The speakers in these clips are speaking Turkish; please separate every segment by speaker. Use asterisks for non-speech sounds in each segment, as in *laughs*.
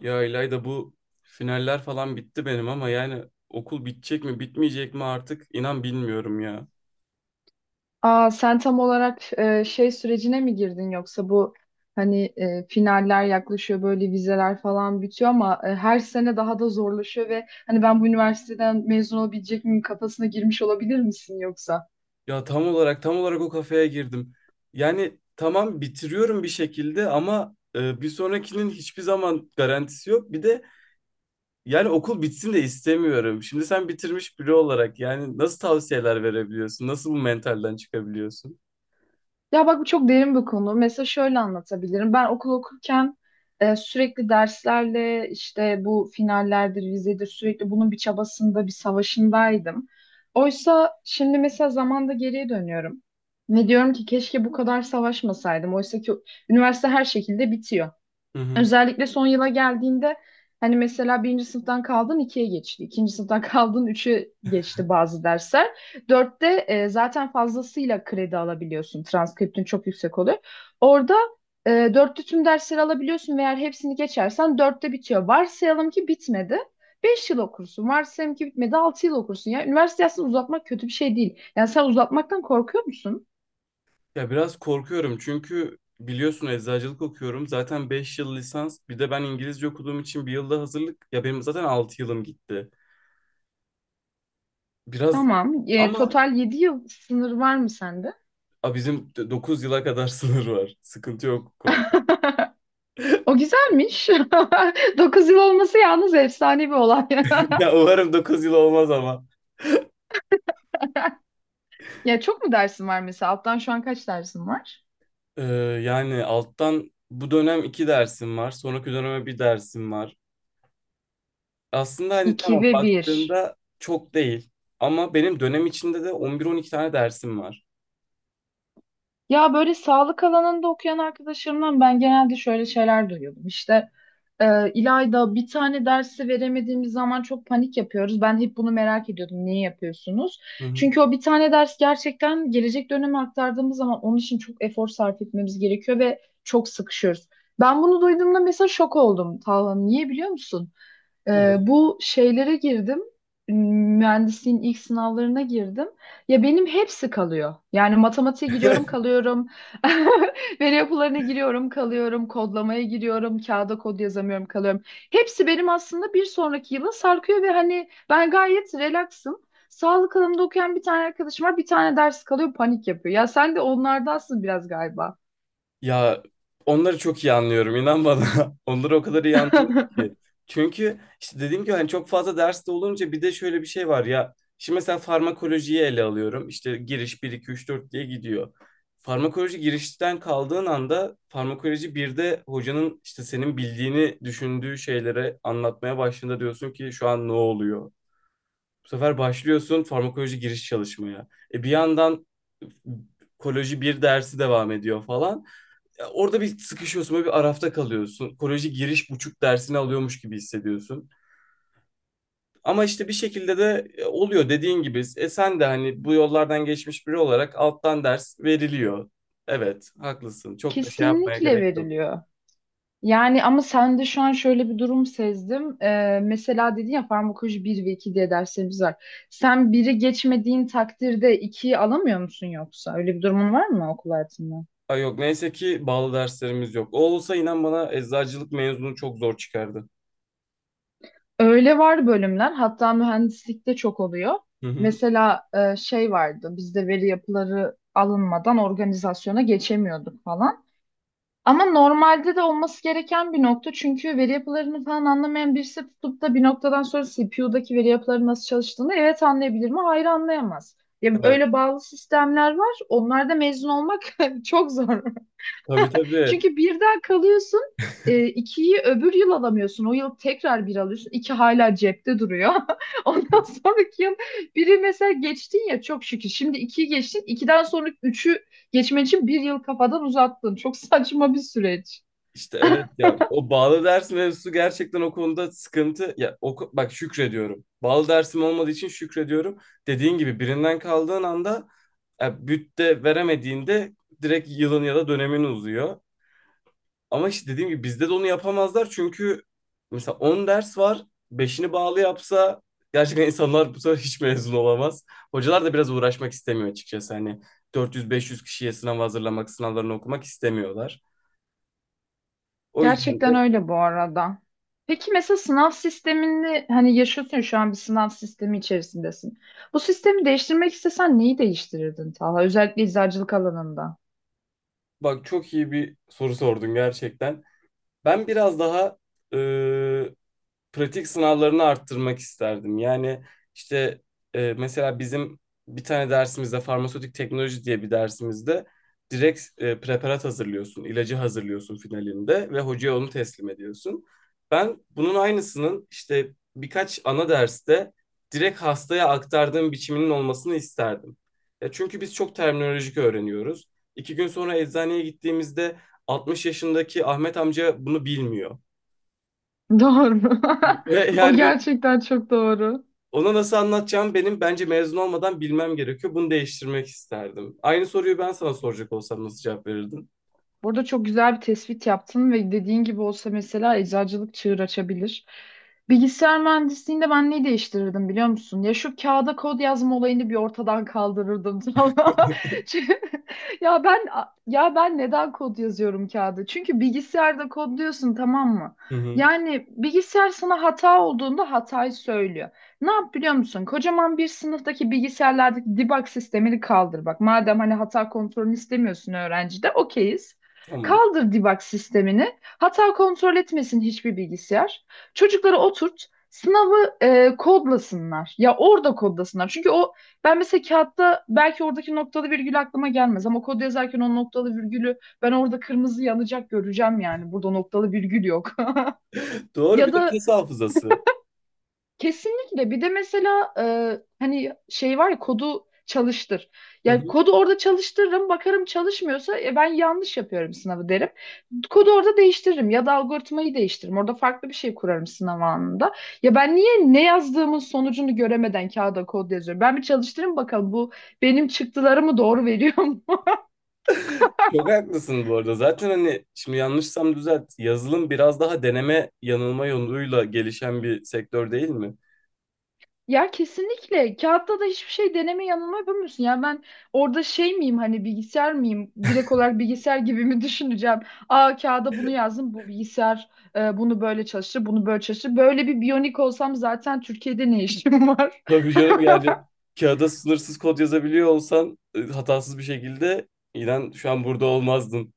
Speaker 1: Ya İlayda bu finaller falan bitti benim ama yani okul bitecek mi bitmeyecek mi artık inan bilmiyorum ya.
Speaker 2: Aa, sen tam olarak şey sürecine mi girdin yoksa bu hani finaller yaklaşıyor böyle vizeler falan bitiyor ama her sene daha da zorlaşıyor ve hani ben bu üniversiteden mezun olabilecek miyim kafasına girmiş olabilir misin yoksa?
Speaker 1: Ya tam olarak o kafeye girdim. Yani tamam bitiriyorum bir şekilde ama bir sonrakinin hiçbir zaman garantisi yok. Bir de yani okul bitsin de istemiyorum. Şimdi sen bitirmiş biri olarak yani nasıl tavsiyeler verebiliyorsun? Nasıl bu mentalden çıkabiliyorsun?
Speaker 2: Ya bak bu çok derin bir konu. Mesela şöyle anlatabilirim. Ben okul okurken sürekli derslerle işte bu finallerdir, vizedir sürekli bunun bir çabasında, bir savaşındaydım. Oysa şimdi mesela zamanda geriye dönüyorum. Ve diyorum ki keşke bu kadar savaşmasaydım. Oysa ki üniversite her şekilde bitiyor. Özellikle son yıla geldiğinde hani mesela birinci sınıftan kaldın ikiye geçti, ikinci sınıftan *laughs* kaldın üçe geçti bazı dersler. Dörtte zaten fazlasıyla kredi alabiliyorsun. Transkriptin çok yüksek oluyor. Orada dörtte tüm dersleri alabiliyorsun ve eğer hepsini geçersen dörtte bitiyor. Varsayalım ki bitmedi. 5 yıl okursun. Varsayalım ki bitmedi. 6 yıl okursun. Ya üniversite aslında uzatmak kötü bir şey değil. Yani sen uzatmaktan korkuyor musun?
Speaker 1: Ya biraz korkuyorum çünkü biliyorsun eczacılık okuyorum. Zaten 5 yıl lisans bir de ben İngilizce okuduğum için bir yılda hazırlık. Ya benim zaten 6 yılım gitti. Biraz
Speaker 2: Tamam.
Speaker 1: ama
Speaker 2: Total 7 yıl sınır var mı sende?
Speaker 1: bizim 9 yıla kadar *laughs* sınır var. Sıkıntı yok bu konuda. *laughs*
Speaker 2: O güzelmiş. *laughs* 9 yıl olması yalnız efsane bir olay. *laughs*
Speaker 1: Ya umarım 9 yıl olmaz ama.
Speaker 2: Ya çok mu dersin var mesela? Alttan şu an kaç dersin var?
Speaker 1: Ee, yani alttan bu dönem 2 dersim var. Sonraki döneme bir dersim var. Aslında hani tamam
Speaker 2: İki ve bir.
Speaker 1: baktığında çok değil. Ama benim dönem içinde de on bir on iki tane dersim var.
Speaker 2: Ya böyle sağlık alanında okuyan arkadaşlarımdan ben genelde şöyle şeyler duyuyordum. İşte İlayda bir tane dersi veremediğimiz zaman çok panik yapıyoruz. Ben hep bunu merak ediyordum. Niye yapıyorsunuz?
Speaker 1: Hı hı.
Speaker 2: Çünkü o bir tane ders gerçekten gelecek döneme aktardığımız zaman onun için çok efor sarf etmemiz gerekiyor ve çok sıkışıyoruz. Ben bunu duyduğumda mesela şok oldum. Talha, niye biliyor musun?
Speaker 1: Neden?
Speaker 2: Bu şeylere girdim. Mühendisliğin ilk sınavlarına girdim. Ya benim hepsi kalıyor. Yani matematiğe giriyorum,
Speaker 1: *laughs*
Speaker 2: kalıyorum. *laughs* Veri yapılarına giriyorum, kalıyorum. Kodlamaya giriyorum, kağıda kod yazamıyorum, kalıyorum. Hepsi benim aslında bir sonraki yıla sarkıyor ve hani ben gayet relaxım. Sağlık alanında okuyan bir tane arkadaşım var, bir tane ders kalıyor, panik yapıyor. Ya sen de onlardansın biraz galiba.
Speaker 1: Ya onları çok iyi anlıyorum inan bana. *laughs* Onları o kadar iyi anlıyorum ki.
Speaker 2: *laughs*
Speaker 1: Çünkü işte dediğim gibi hani çok fazla derste olunca bir de şöyle bir şey var ya. Şimdi mesela farmakolojiyi ele alıyorum. İşte giriş bir 2 3 4 diye gidiyor. Farmakoloji girişten kaldığın anda farmakoloji bir de hocanın işte senin bildiğini düşündüğü şeylere anlatmaya başladığında diyorsun ki şu an ne oluyor? Bu sefer başlıyorsun farmakoloji giriş çalışmaya. E bir yandan koloji bir dersi devam ediyor falan ya orada bir sıkışıyorsun, böyle bir arafta kalıyorsun. Koleji giriş buçuk dersini alıyormuş gibi hissediyorsun. Ama işte bir şekilde de oluyor dediğin gibi. E sen de hani bu yollardan geçmiş biri olarak alttan ders veriliyor. Evet, haklısın. Çok da şey yapmaya
Speaker 2: Kesinlikle
Speaker 1: gerek yok.
Speaker 2: veriliyor. Yani ama sende şu an şöyle bir durum sezdim. Mesela dedin ya farmakoloji bir ve 2 diye derslerimiz var. Sen biri geçmediğin takdirde ikiyi alamıyor musun yoksa? Öyle bir durumun var mı okul hayatında?
Speaker 1: Ay yok neyse ki bağlı derslerimiz yok. O olsa inan bana eczacılık mezunu çok zor çıkardı.
Speaker 2: Öyle var bölümler. Hatta mühendislikte çok oluyor.
Speaker 1: Hı hı.
Speaker 2: Mesela şey vardı. Bizde veri yapıları alınmadan organizasyona geçemiyorduk falan. Ama normalde de olması gereken bir nokta. Çünkü veri yapılarını falan anlamayan birisi tutup da bir noktadan sonra CPU'daki veri yapıları nasıl çalıştığını evet anlayabilir mi? Hayır, anlayamaz. Ya
Speaker 1: Evet.
Speaker 2: öyle bağlı sistemler var. Onlarda mezun olmak *laughs* çok zor.
Speaker 1: Tabii tabii.
Speaker 2: Çünkü birden kalıyorsun. İkiyi öbür yıl alamıyorsun. O yıl tekrar bir alıyorsun. İki hala cepte duruyor. *laughs* Ondan sonraki yıl biri mesela geçtin ya, çok şükür. Şimdi ikiyi geçtin. İkiden sonra üçü geçmen için bir yıl kafadan uzattın. Çok saçma bir süreç.
Speaker 1: İşte evet ya o bağlı ders mevzusu gerçekten o konuda sıkıntı. Ya oku, bak şükrediyorum. Bağlı dersim olmadığı için şükrediyorum. Dediğin gibi birinden kaldığın anda ya, bütte veremediğinde direkt yılın ya da dönemin uzuyor. Ama işte dediğim gibi bizde de onu yapamazlar çünkü mesela 10 ders var. Beşini bağlı yapsa gerçekten insanlar bu sefer hiç mezun olamaz. Hocalar da biraz uğraşmak istemiyor açıkçası. Hani 400-500 kişiye sınav hazırlamak, sınavlarını okumak istemiyorlar. O yüzden
Speaker 2: Gerçekten
Speaker 1: de
Speaker 2: öyle bu arada. Peki mesela sınav sistemini hani yaşıyorsun ya, şu an bir sınav sistemi içerisindesin. Bu sistemi değiştirmek istesen neyi değiştirirdin, Talha? Özellikle eczacılık alanında.
Speaker 1: bak çok iyi bir soru sordun gerçekten. Ben biraz daha e, pratik sınavlarını arttırmak isterdim. Yani işte mesela bizim bir tane dersimizde farmasötik teknoloji diye bir dersimizde direkt preparat hazırlıyorsun, ilacı hazırlıyorsun finalinde ve hocaya onu teslim ediyorsun. Ben bunun aynısının işte birkaç ana derste direkt hastaya aktardığım biçiminin olmasını isterdim. Ya çünkü biz çok terminolojik öğreniyoruz. İki gün sonra eczaneye gittiğimizde 60 yaşındaki Ahmet amca bunu bilmiyor.
Speaker 2: *laughs* Doğru.
Speaker 1: Ve
Speaker 2: *laughs* O
Speaker 1: yani ben
Speaker 2: gerçekten çok doğru.
Speaker 1: ona nasıl anlatacağım benim bence mezun olmadan bilmem gerekiyor. Bunu değiştirmek isterdim. Aynı soruyu ben sana soracak olsam nasıl cevap verirdin?
Speaker 2: Burada çok güzel bir tespit yaptın ve dediğin gibi olsa mesela eczacılık çığır açabilir. Bilgisayar mühendisliğinde ben neyi değiştirirdim biliyor musun? Ya şu kağıda kod yazma olayını bir ortadan kaldırırdım *laughs* tamam mı?
Speaker 1: *laughs*
Speaker 2: Çünkü- ya ben ya ben neden kod yazıyorum kağıda? Çünkü bilgisayarda kodluyorsun, tamam mı?
Speaker 1: Hı hı.
Speaker 2: Yani bilgisayar sana hata olduğunda hatayı söylüyor. Ne yap biliyor musun? Kocaman bir sınıftaki bilgisayarlardaki debug sistemini kaldır bak. Madem hani hata kontrolünü istemiyorsun öğrencide, okeyiz.
Speaker 1: Tamam.
Speaker 2: Kaldır debug sistemini. Hata kontrol etmesin hiçbir bilgisayar. Çocukları oturt. Sınavı kodlasınlar. Ya orada kodlasınlar. Çünkü o, ben mesela kağıtta belki oradaki noktalı virgül aklıma gelmez ama kod yazarken o noktalı virgülü ben orada kırmızı yanacak, göreceğim yani. Burada noktalı virgül yok. *laughs*
Speaker 1: Doğru
Speaker 2: Ya
Speaker 1: bir de
Speaker 2: da
Speaker 1: kas hafızası.
Speaker 2: Kesinlikle. Bir de mesela hani şey var ya, kodu çalıştır.
Speaker 1: Hı
Speaker 2: Yani
Speaker 1: hı.
Speaker 2: kodu orada çalıştırırım, bakarım çalışmıyorsa ben yanlış yapıyorum sınavı derim. Kodu orada değiştiririm ya da algoritmayı değiştiririm. Orada farklı bir şey kurarım sınav anında. Ya ben niye ne yazdığımın sonucunu göremeden kağıda kod yazıyorum? Ben bir çalıştırayım bakalım bu benim çıktılarımı doğru veriyor.
Speaker 1: Çok haklısın bu arada. Zaten hani şimdi yanlışsam düzelt. Yazılım biraz daha deneme yanılma yoluyla gelişen bir sektör değil mi?
Speaker 2: Ya kesinlikle kağıtta da hiçbir şey deneme yanılma yapamıyorsun. Ya ben orada şey miyim, hani bilgisayar mıyım? Direkt olarak bilgisayar gibi mi *laughs* düşüneceğim? Aa, kağıda bunu yazdım. Bu bilgisayar bunu böyle çalıştı, bunu böyle çalıştı. Böyle bir biyonik olsam zaten Türkiye'de ne işim var?
Speaker 1: Tabii canım yani
Speaker 2: *laughs*
Speaker 1: kağıda sınırsız kod yazabiliyor olsan hatasız bir şekilde inan şu an burada olmazdın.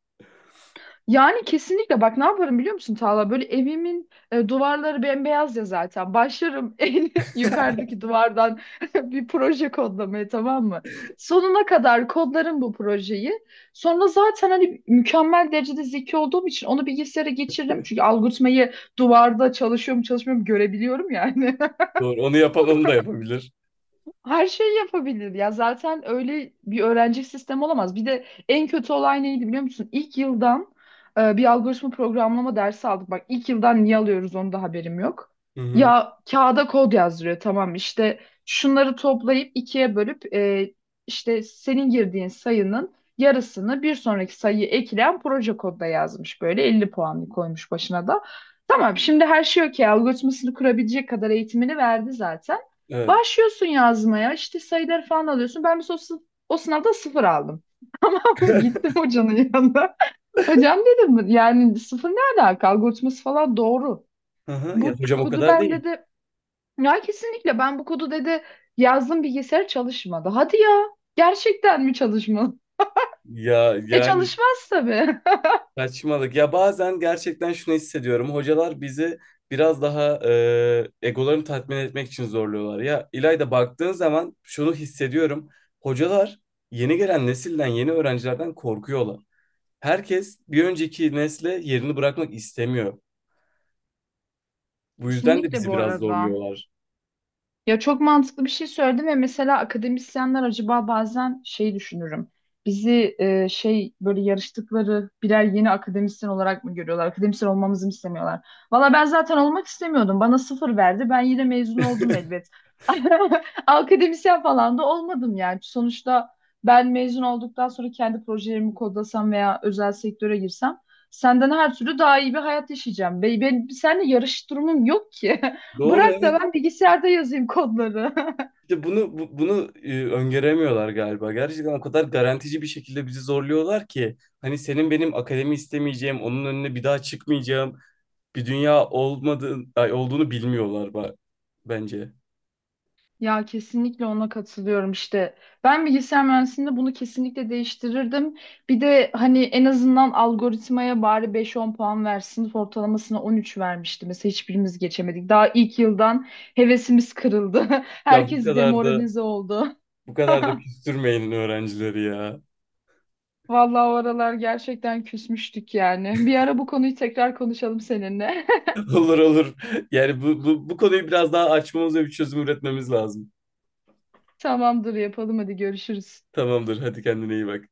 Speaker 2: Yani kesinlikle bak ne yaparım biliyor musun, Tağla? Böyle evimin duvarları bembeyaz ya zaten. Başlarım *laughs* en yukarıdaki duvardan *laughs* bir proje kodlamaya, tamam mı? Sonuna kadar kodlarım bu projeyi. Sonra zaten hani mükemmel derecede zeki olduğum için onu bilgisayara geçiririm. Çünkü algoritmayı duvarda çalışıyorum çalışmıyorum görebiliyorum yani. *laughs*
Speaker 1: Doğru. Onu yapan onu da yapabilir.
Speaker 2: Her şeyi yapabilir ya. Zaten öyle bir öğrenci sistemi olamaz. Bir de en kötü olay neydi biliyor musun? İlk yıldan bir algoritma programlama dersi aldık. Bak ilk yıldan niye alıyoruz onu da haberim yok.
Speaker 1: Hı hı.
Speaker 2: Ya kağıda kod yazdırıyor, tamam, işte şunları toplayıp ikiye bölüp işte senin girdiğin sayının yarısını bir sonraki sayıyı ekleyen proje kodda yazmış, böyle 50 puanlı koymuş başına da. Tamam, şimdi her şey okey, algoritmasını kurabilecek kadar eğitimini verdi zaten.
Speaker 1: Evet.
Speaker 2: Başlıyorsun yazmaya, işte sayıları falan alıyorsun. Ben mesela o sınavda sıfır aldım. *laughs* Tamam mı?
Speaker 1: *laughs*
Speaker 2: Gittim hocanın yanına. Hocam dedim, yani sıfır ne alaka? Algoritması falan doğru.
Speaker 1: Hı hı ya
Speaker 2: Bu
Speaker 1: hocam o
Speaker 2: kodu
Speaker 1: kadar
Speaker 2: ben,
Speaker 1: değil.
Speaker 2: dedi, ya kesinlikle ben bu kodu, dedi, yazdım, bilgisayar çalışmadı. Hadi ya, gerçekten mi çalışmadı? *laughs*
Speaker 1: Ya
Speaker 2: E,
Speaker 1: yani
Speaker 2: çalışmaz tabii.
Speaker 1: saçmalık. Ya bazen gerçekten şunu hissediyorum. Hocalar bizi biraz daha egolarını tatmin etmek için zorluyorlar. Ya İlayda baktığın zaman şunu hissediyorum. Hocalar yeni gelen nesilden, yeni öğrencilerden korkuyorlar. Herkes bir önceki nesle yerini bırakmak istemiyor.
Speaker 2: *laughs*
Speaker 1: Bu yüzden de
Speaker 2: Kesinlikle
Speaker 1: bizi
Speaker 2: bu
Speaker 1: biraz
Speaker 2: arada.
Speaker 1: zorluyorlar.
Speaker 2: Ya çok mantıklı bir şey söyledim ve mesela akademisyenler, acaba bazen şey düşünürüm. Bizi şey, böyle yarıştıkları birer yeni akademisyen olarak mı görüyorlar? Akademisyen olmamızı mı istemiyorlar? Valla ben zaten olmak istemiyordum. Bana sıfır verdi. Ben yine mezun oldum
Speaker 1: *laughs*
Speaker 2: elbet. *laughs* Akademisyen falan da olmadım yani. Sonuçta ben mezun olduktan sonra kendi projelerimi kodlasam veya özel sektöre girsem senden her türlü daha iyi bir hayat yaşayacağım. Ben seninle yarış durumum yok ki. *laughs*
Speaker 1: Doğru
Speaker 2: Bırak da
Speaker 1: evet.
Speaker 2: ben bilgisayarda yazayım kodları. *laughs*
Speaker 1: İşte bunu öngöremiyorlar galiba. Gerçekten o kadar garantici bir şekilde bizi zorluyorlar ki hani senin benim akademi istemeyeceğim, onun önüne bir daha çıkmayacağım bir dünya olduğunu bilmiyorlar bence.
Speaker 2: Ya kesinlikle ona katılıyorum işte. Ben bilgisayar mühendisliğinde bunu kesinlikle değiştirirdim. Bir de hani en azından algoritmaya bari 5-10 puan versin. Sınıf ortalamasına 13 vermişti. Mesela hiçbirimiz geçemedik. Daha ilk yıldan hevesimiz kırıldı. *laughs*
Speaker 1: Ya bu
Speaker 2: Herkes
Speaker 1: kadar da
Speaker 2: demoralize oldu.
Speaker 1: bu kadar da
Speaker 2: *laughs*
Speaker 1: küstürmeyin öğrencileri ya.
Speaker 2: Vallahi o aralar gerçekten küsmüştük yani. Bir ara bu konuyu tekrar konuşalım seninle.
Speaker 1: *laughs* Olur olur. Yani bu konuyu biraz daha açmamız ve bir çözüm üretmemiz lazım.
Speaker 2: *laughs* Tamamdır, yapalım, hadi görüşürüz.
Speaker 1: Tamamdır. Hadi kendine iyi bak.